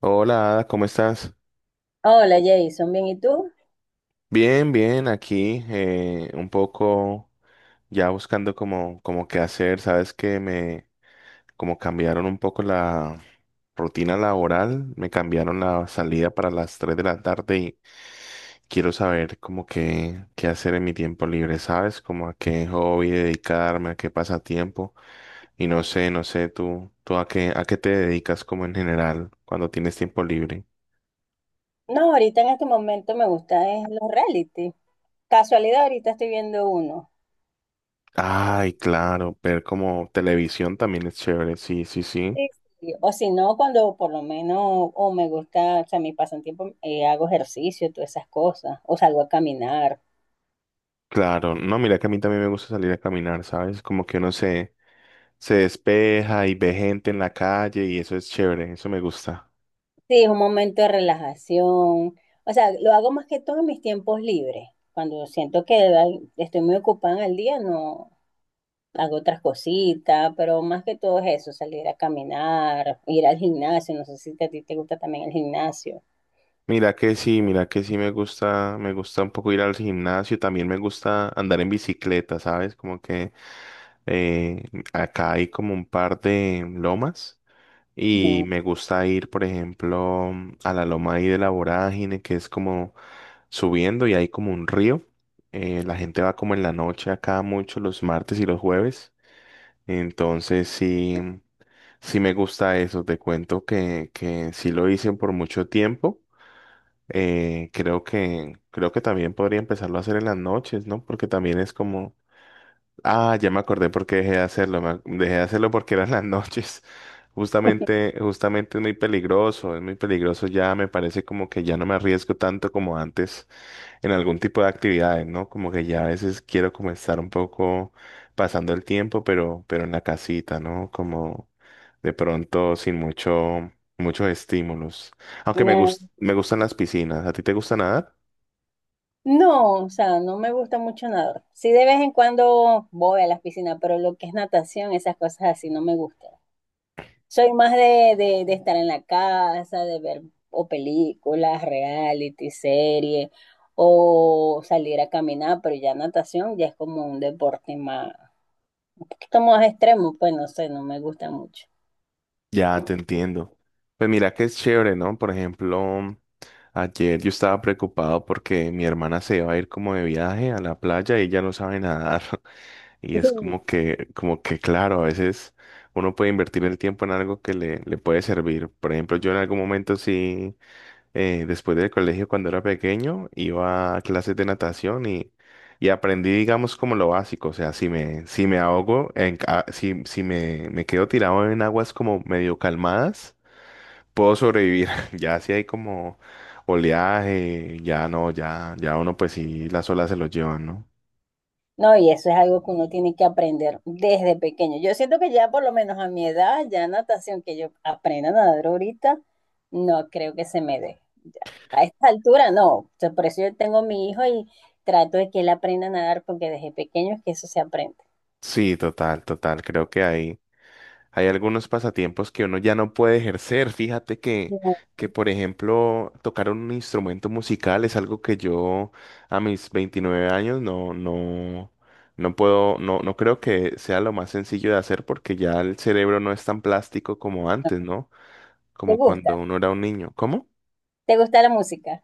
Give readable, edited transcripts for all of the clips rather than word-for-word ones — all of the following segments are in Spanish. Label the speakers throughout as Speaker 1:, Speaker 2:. Speaker 1: Hola, Ada, ¿cómo estás?
Speaker 2: Hola Jason, bien, ¿y tú?
Speaker 1: Bien, bien, aquí un poco ya buscando como, como qué hacer. Sabes que me como cambiaron un poco la rutina laboral, me cambiaron la salida para las 3 de la tarde y quiero saber como qué, qué hacer en mi tiempo libre, ¿sabes? Como a qué hobby dedicarme, a qué pasatiempo. Y no sé, no sé, tú a qué te dedicas como en general cuando tienes tiempo libre.
Speaker 2: No, ahorita en este momento me gusta es los reality. Casualidad, ahorita estoy viendo uno.
Speaker 1: Ay, claro, ver como televisión también es chévere, sí, sí, sí.
Speaker 2: Sí. O si no, cuando por lo menos, o me gusta, o sea, mi pasatiempo, hago ejercicio, todas esas cosas, o salgo a caminar.
Speaker 1: Claro, no, mira que a mí también me gusta salir a caminar, ¿sabes? Como que uno se, se despeja y ve gente en la calle y eso es chévere, eso me gusta.
Speaker 2: Sí, es un momento de relajación. O sea, lo hago más que todo en mis tiempos libres. Cuando siento que ay, estoy muy ocupada en el día, no, hago otras cositas, pero más que todo es eso, salir a caminar, ir al gimnasio, no sé si a ti te gusta también el gimnasio.
Speaker 1: Mira que sí me gusta un poco ir al gimnasio, también me gusta andar en bicicleta, ¿sabes? Como que eh, acá hay como un par de lomas. Y
Speaker 2: Mm,
Speaker 1: me gusta ir, por ejemplo, a la loma ahí de la Vorágine, que es como subiendo y hay como un río. La gente va como en la noche acá mucho, los martes y los jueves. Entonces sí, sí me gusta eso. Te cuento que sí lo hice por mucho tiempo. Creo que también podría empezarlo a hacer en las noches, ¿no? Porque también es como Ah, ya me acordé por qué dejé de hacerlo. Dejé de hacerlo porque eran las noches. Justamente, justamente es muy peligroso ya, me parece como que ya no me arriesgo tanto como antes en algún tipo de actividades, ¿no? Como que ya a veces quiero como estar un poco pasando el tiempo, pero en la casita, ¿no? Como de pronto sin mucho, muchos estímulos. Aunque
Speaker 2: nah.
Speaker 1: me gustan las piscinas. ¿A ti te gusta nadar?
Speaker 2: No, o sea, no me gusta mucho nadar. Sí, de vez en cuando voy a las piscinas, pero lo que es natación, esas cosas así no me gustan. Soy más de estar en la casa, de ver o películas, reality, series, o salir a caminar, pero ya natación ya es como un deporte más, un poquito más extremo, pues no sé, no me gusta mucho.
Speaker 1: Ya, te entiendo. Pues mira que es chévere, ¿no? Por ejemplo. Ayer yo estaba preocupado porque mi hermana se va a ir como de viaje a la playa y ella no sabe nadar. Y es
Speaker 2: Sí,
Speaker 1: como que claro, a veces uno puede invertir el tiempo en algo que le puede servir. Por ejemplo, yo en algún momento sí, después del colegio cuando era pequeño, iba a clases de natación y aprendí, digamos, como lo básico. O sea, si me, si me ahogo, en, si, si me, me quedo tirado en aguas como medio calmadas puedo sobrevivir. Ya si hay como oleaje, ya no, ya, ya uno pues sí, las olas se lo llevan, ¿no?
Speaker 2: no, y eso es algo que uno tiene que aprender desde pequeño. Yo siento que ya por lo menos a mi edad, ya natación, que yo aprenda a nadar ahorita, no creo que se me dé. Ya. A esta altura no. O sea, por eso yo tengo a mi hijo y trato de que él aprenda a nadar porque desde pequeño es que eso se aprende.
Speaker 1: Sí, total, total. Creo que hay algunos pasatiempos que uno ya no puede ejercer. Fíjate
Speaker 2: Ya.
Speaker 1: que, por ejemplo, tocar un instrumento musical es algo que yo a mis 29 años no, no, no puedo, no, no creo que sea lo más sencillo de hacer porque ya el cerebro no es tan plástico como antes, ¿no?
Speaker 2: ¿Te
Speaker 1: Como
Speaker 2: gusta?
Speaker 1: cuando uno era un niño. ¿Cómo?
Speaker 2: ¿Te gusta la música?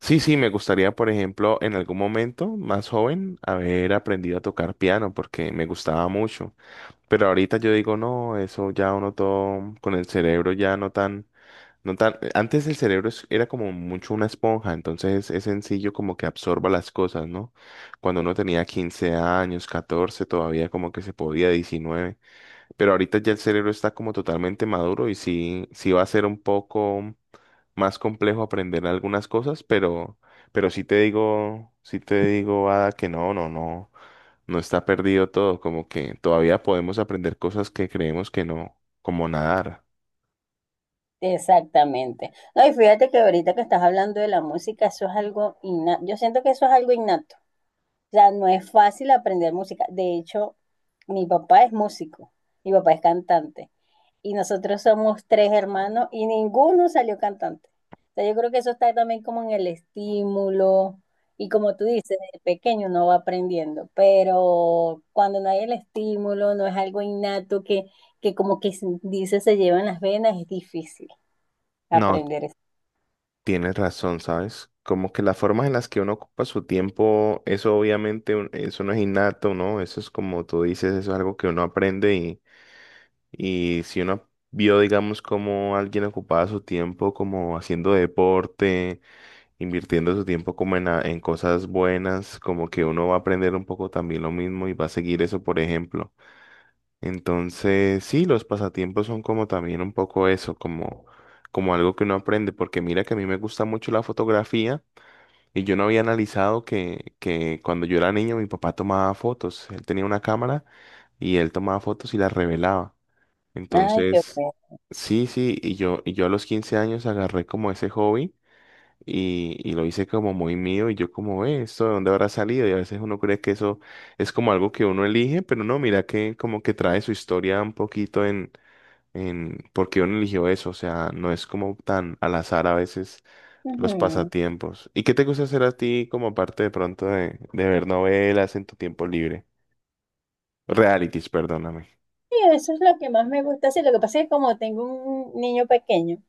Speaker 1: Sí, sí, me gustaría, por ejemplo, en algún momento más joven, haber aprendido a tocar piano porque me gustaba mucho. Pero ahorita yo digo, no, eso ya uno todo con el cerebro ya no tan, no tan. Antes el cerebro era como mucho una esponja, entonces es sencillo como que absorba las cosas, ¿no? Cuando uno tenía 15 años, 14, todavía como que se podía, 19. Pero ahorita ya el cerebro está como totalmente maduro y sí, sí va a ser un poco más complejo aprender algunas cosas, pero sí te digo, Ada, que no, no, no, no está perdido todo, como que todavía podemos aprender cosas que creemos que no, como nadar.
Speaker 2: Exactamente. No, y fíjate que ahorita que estás hablando de la música, eso es algo innato. Yo siento que eso es algo innato. O sea, no es fácil aprender música. De hecho, mi papá es músico, mi papá es cantante. Y nosotros somos tres hermanos y ninguno salió cantante. O sea, yo creo que eso está también como en el estímulo. Y como tú dices, desde pequeño uno va aprendiendo, pero cuando no hay el estímulo, no es algo innato que como que se dice se lleva en las venas, es difícil
Speaker 1: No,
Speaker 2: aprender eso.
Speaker 1: tienes razón, ¿sabes? Como que las formas en las que uno ocupa su tiempo, eso obviamente, eso no es innato, ¿no? Eso es como tú dices, eso es algo que uno aprende. Y si uno vio, digamos, cómo alguien ocupaba su tiempo como haciendo deporte, invirtiendo su tiempo como en, en cosas buenas, como que uno va a aprender un poco también lo mismo y va a seguir eso, por ejemplo. Entonces, sí, los pasatiempos son como también un poco eso, como, como algo que uno aprende, porque mira que a mí me gusta mucho la fotografía. Y yo no había analizado que cuando yo era niño mi papá tomaba fotos. Él tenía una cámara y él tomaba fotos y las revelaba.
Speaker 2: Ay, qué
Speaker 1: Entonces,
Speaker 2: bueno.
Speaker 1: sí, sí, y yo a los 15 años agarré como ese hobby y lo hice como muy mío y yo como, ¿esto de dónde habrá salido? Y a veces uno cree que eso es como algo que uno elige, pero no, mira que como que trae su historia un poquito en por qué uno eligió eso, o sea, no es como tan al azar a veces los
Speaker 2: Ujú.
Speaker 1: pasatiempos. ¿Y qué te gusta hacer a ti como parte de pronto de ver novelas en tu tiempo libre? Realities, perdóname.
Speaker 2: Sí, eso es lo que más me gusta. Sí, lo que pasa es que como tengo un niño pequeño,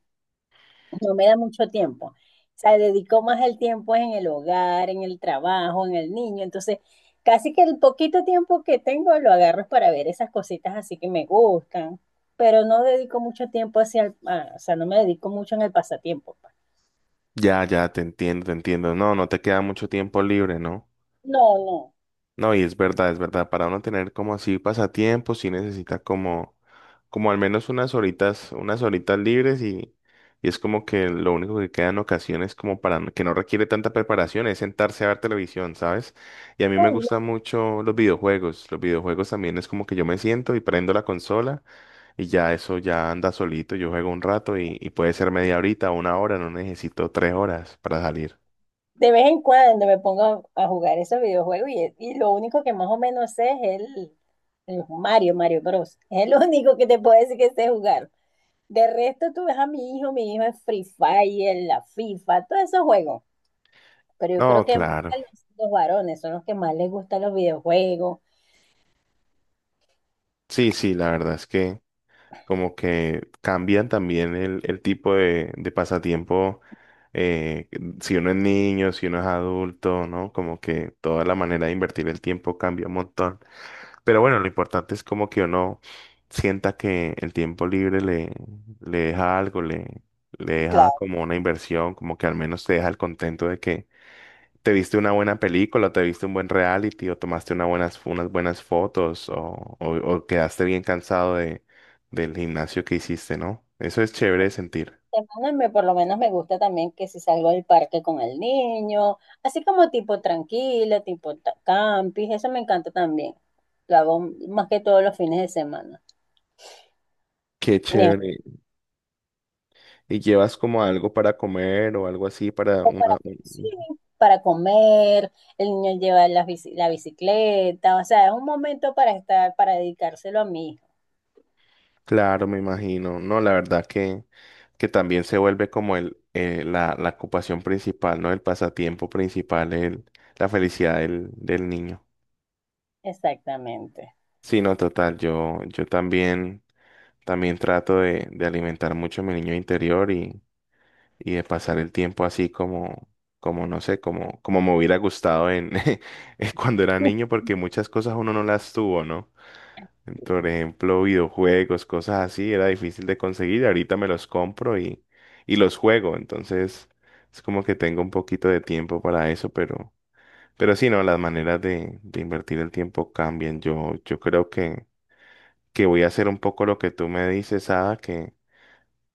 Speaker 2: no me da mucho tiempo. O sea, dedicó más el tiempo en el hogar, en el trabajo, en el niño. Entonces, casi que el poquito tiempo que tengo lo agarro es para ver esas cositas así que me gustan, pero no dedico mucho tiempo hacia el, ah, o sea, no me dedico mucho en el pasatiempo, pues.
Speaker 1: Ya, ya, te entiendo, te entiendo. No, no te queda mucho tiempo libre, ¿no?
Speaker 2: No, no.
Speaker 1: No, y es verdad, es verdad. Para uno tener como así pasatiempos, sí necesita como, como al menos unas horitas libres y es como que lo único que queda en ocasiones como para, que no requiere tanta preparación, es sentarse a ver televisión, ¿sabes? Y a mí
Speaker 2: No,
Speaker 1: me
Speaker 2: yo
Speaker 1: gustan mucho los videojuegos. Los videojuegos también es como que yo me siento y prendo la consola y ya eso ya anda solito. Yo juego un rato y puede ser media horita, una hora, no necesito tres horas para salir.
Speaker 2: De vez en cuando me pongo a jugar esos videojuegos y lo único que más o menos sé es el Mario, Mario Bros. Es el único que te puedo decir que sé jugar. De resto, tú ves a mi hijo es Free Fire, la FIFA, todos esos juegos. Pero yo creo
Speaker 1: No,
Speaker 2: que más
Speaker 1: claro.
Speaker 2: a los varones son los que más les gustan los videojuegos.
Speaker 1: Sí, sí, la verdad es que como que cambian también el tipo de pasatiempo, eh, si uno es niño, si uno es adulto, ¿no? Como que toda la manera de invertir el tiempo cambia un montón. Pero bueno, lo importante es como que uno sienta que el tiempo libre le, le deja algo, le deja
Speaker 2: Claro,
Speaker 1: como una inversión, como que al menos te deja el contento de que ¿te viste una buena película, te viste un buen reality, o tomaste una buenas, unas buenas fotos, o, o quedaste bien cansado de, del gimnasio que hiciste, ¿no? Eso es chévere de sentir.
Speaker 2: te mandan, por lo menos me gusta también que si salgo al parque con el niño, así como tipo tranquila, tipo campis, eso me encanta también. Lo hago más que todos los fines de semana.
Speaker 1: Qué
Speaker 2: Y es-
Speaker 1: chévere. ¿Y llevas como algo para comer o algo así para una...
Speaker 2: sí,
Speaker 1: un-
Speaker 2: para comer, el niño lleva la bicicleta, o sea, es un momento para estar, para dedicárselo a mi hijo.
Speaker 1: Claro, me imagino. No, la verdad que también se vuelve como el, la, la ocupación principal, ¿no? El pasatiempo principal, el, la felicidad del, del niño.
Speaker 2: Exactamente.
Speaker 1: Sí, no, total. Yo también, también trato de alimentar mucho a mi niño interior y de pasar el tiempo así como, como no sé, como, como me hubiera gustado en en cuando era
Speaker 2: Sí,
Speaker 1: niño, porque muchas cosas uno no las tuvo, ¿no? Por ejemplo, videojuegos, cosas así, era difícil de conseguir. Ahorita me los compro y los juego. Entonces, es como que tengo un poquito de tiempo para eso, pero sí, no, las maneras de invertir el tiempo cambian. Yo creo que voy a hacer un poco lo que tú me dices, Ada,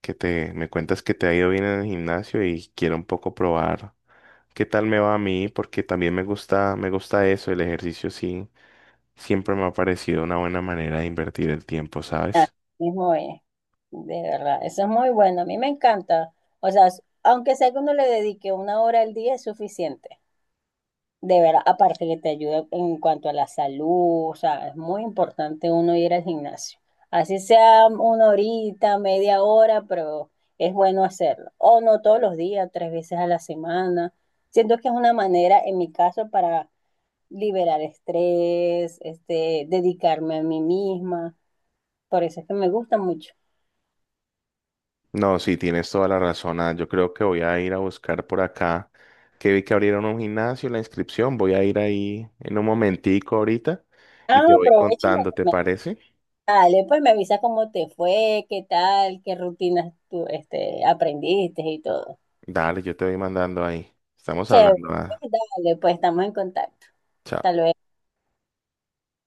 Speaker 1: que te me cuentas que te ha ido bien en el gimnasio y quiero un poco probar qué tal me va a mí, porque también me gusta eso, el ejercicio sí, siempre me ha parecido una buena manera de invertir el tiempo, ¿sabes?
Speaker 2: es muy, de verdad, eso es muy bueno, a mí me encanta. O sea, aunque sea que uno le dedique una hora al día es suficiente, de verdad, aparte que te ayuda en cuanto a la salud, o sea, es muy importante uno ir al gimnasio. Así sea una horita, media hora, pero es bueno hacerlo. O no todos los días, tres veces a la semana. Siento que es una manera, en mi caso, para liberar estrés, este, dedicarme a mí misma. Por eso es que me gusta mucho.
Speaker 1: No, sí, tienes toda la razón, Ada. Yo creo que voy a ir a buscar por acá, que vi que abrieron un gimnasio, la inscripción, voy a ir ahí en un momentico ahorita y
Speaker 2: Ah,
Speaker 1: te voy
Speaker 2: aprovecha y me
Speaker 1: contando, ¿te
Speaker 2: comenta.
Speaker 1: parece?
Speaker 2: Dale, pues me avisa cómo te fue, qué tal, qué rutinas tú este, aprendiste y todo.
Speaker 1: Dale, yo te voy mandando ahí. Estamos
Speaker 2: Chévere,
Speaker 1: hablando, Ada.
Speaker 2: pues, dale, pues estamos en contacto. Hasta
Speaker 1: Chao.
Speaker 2: luego.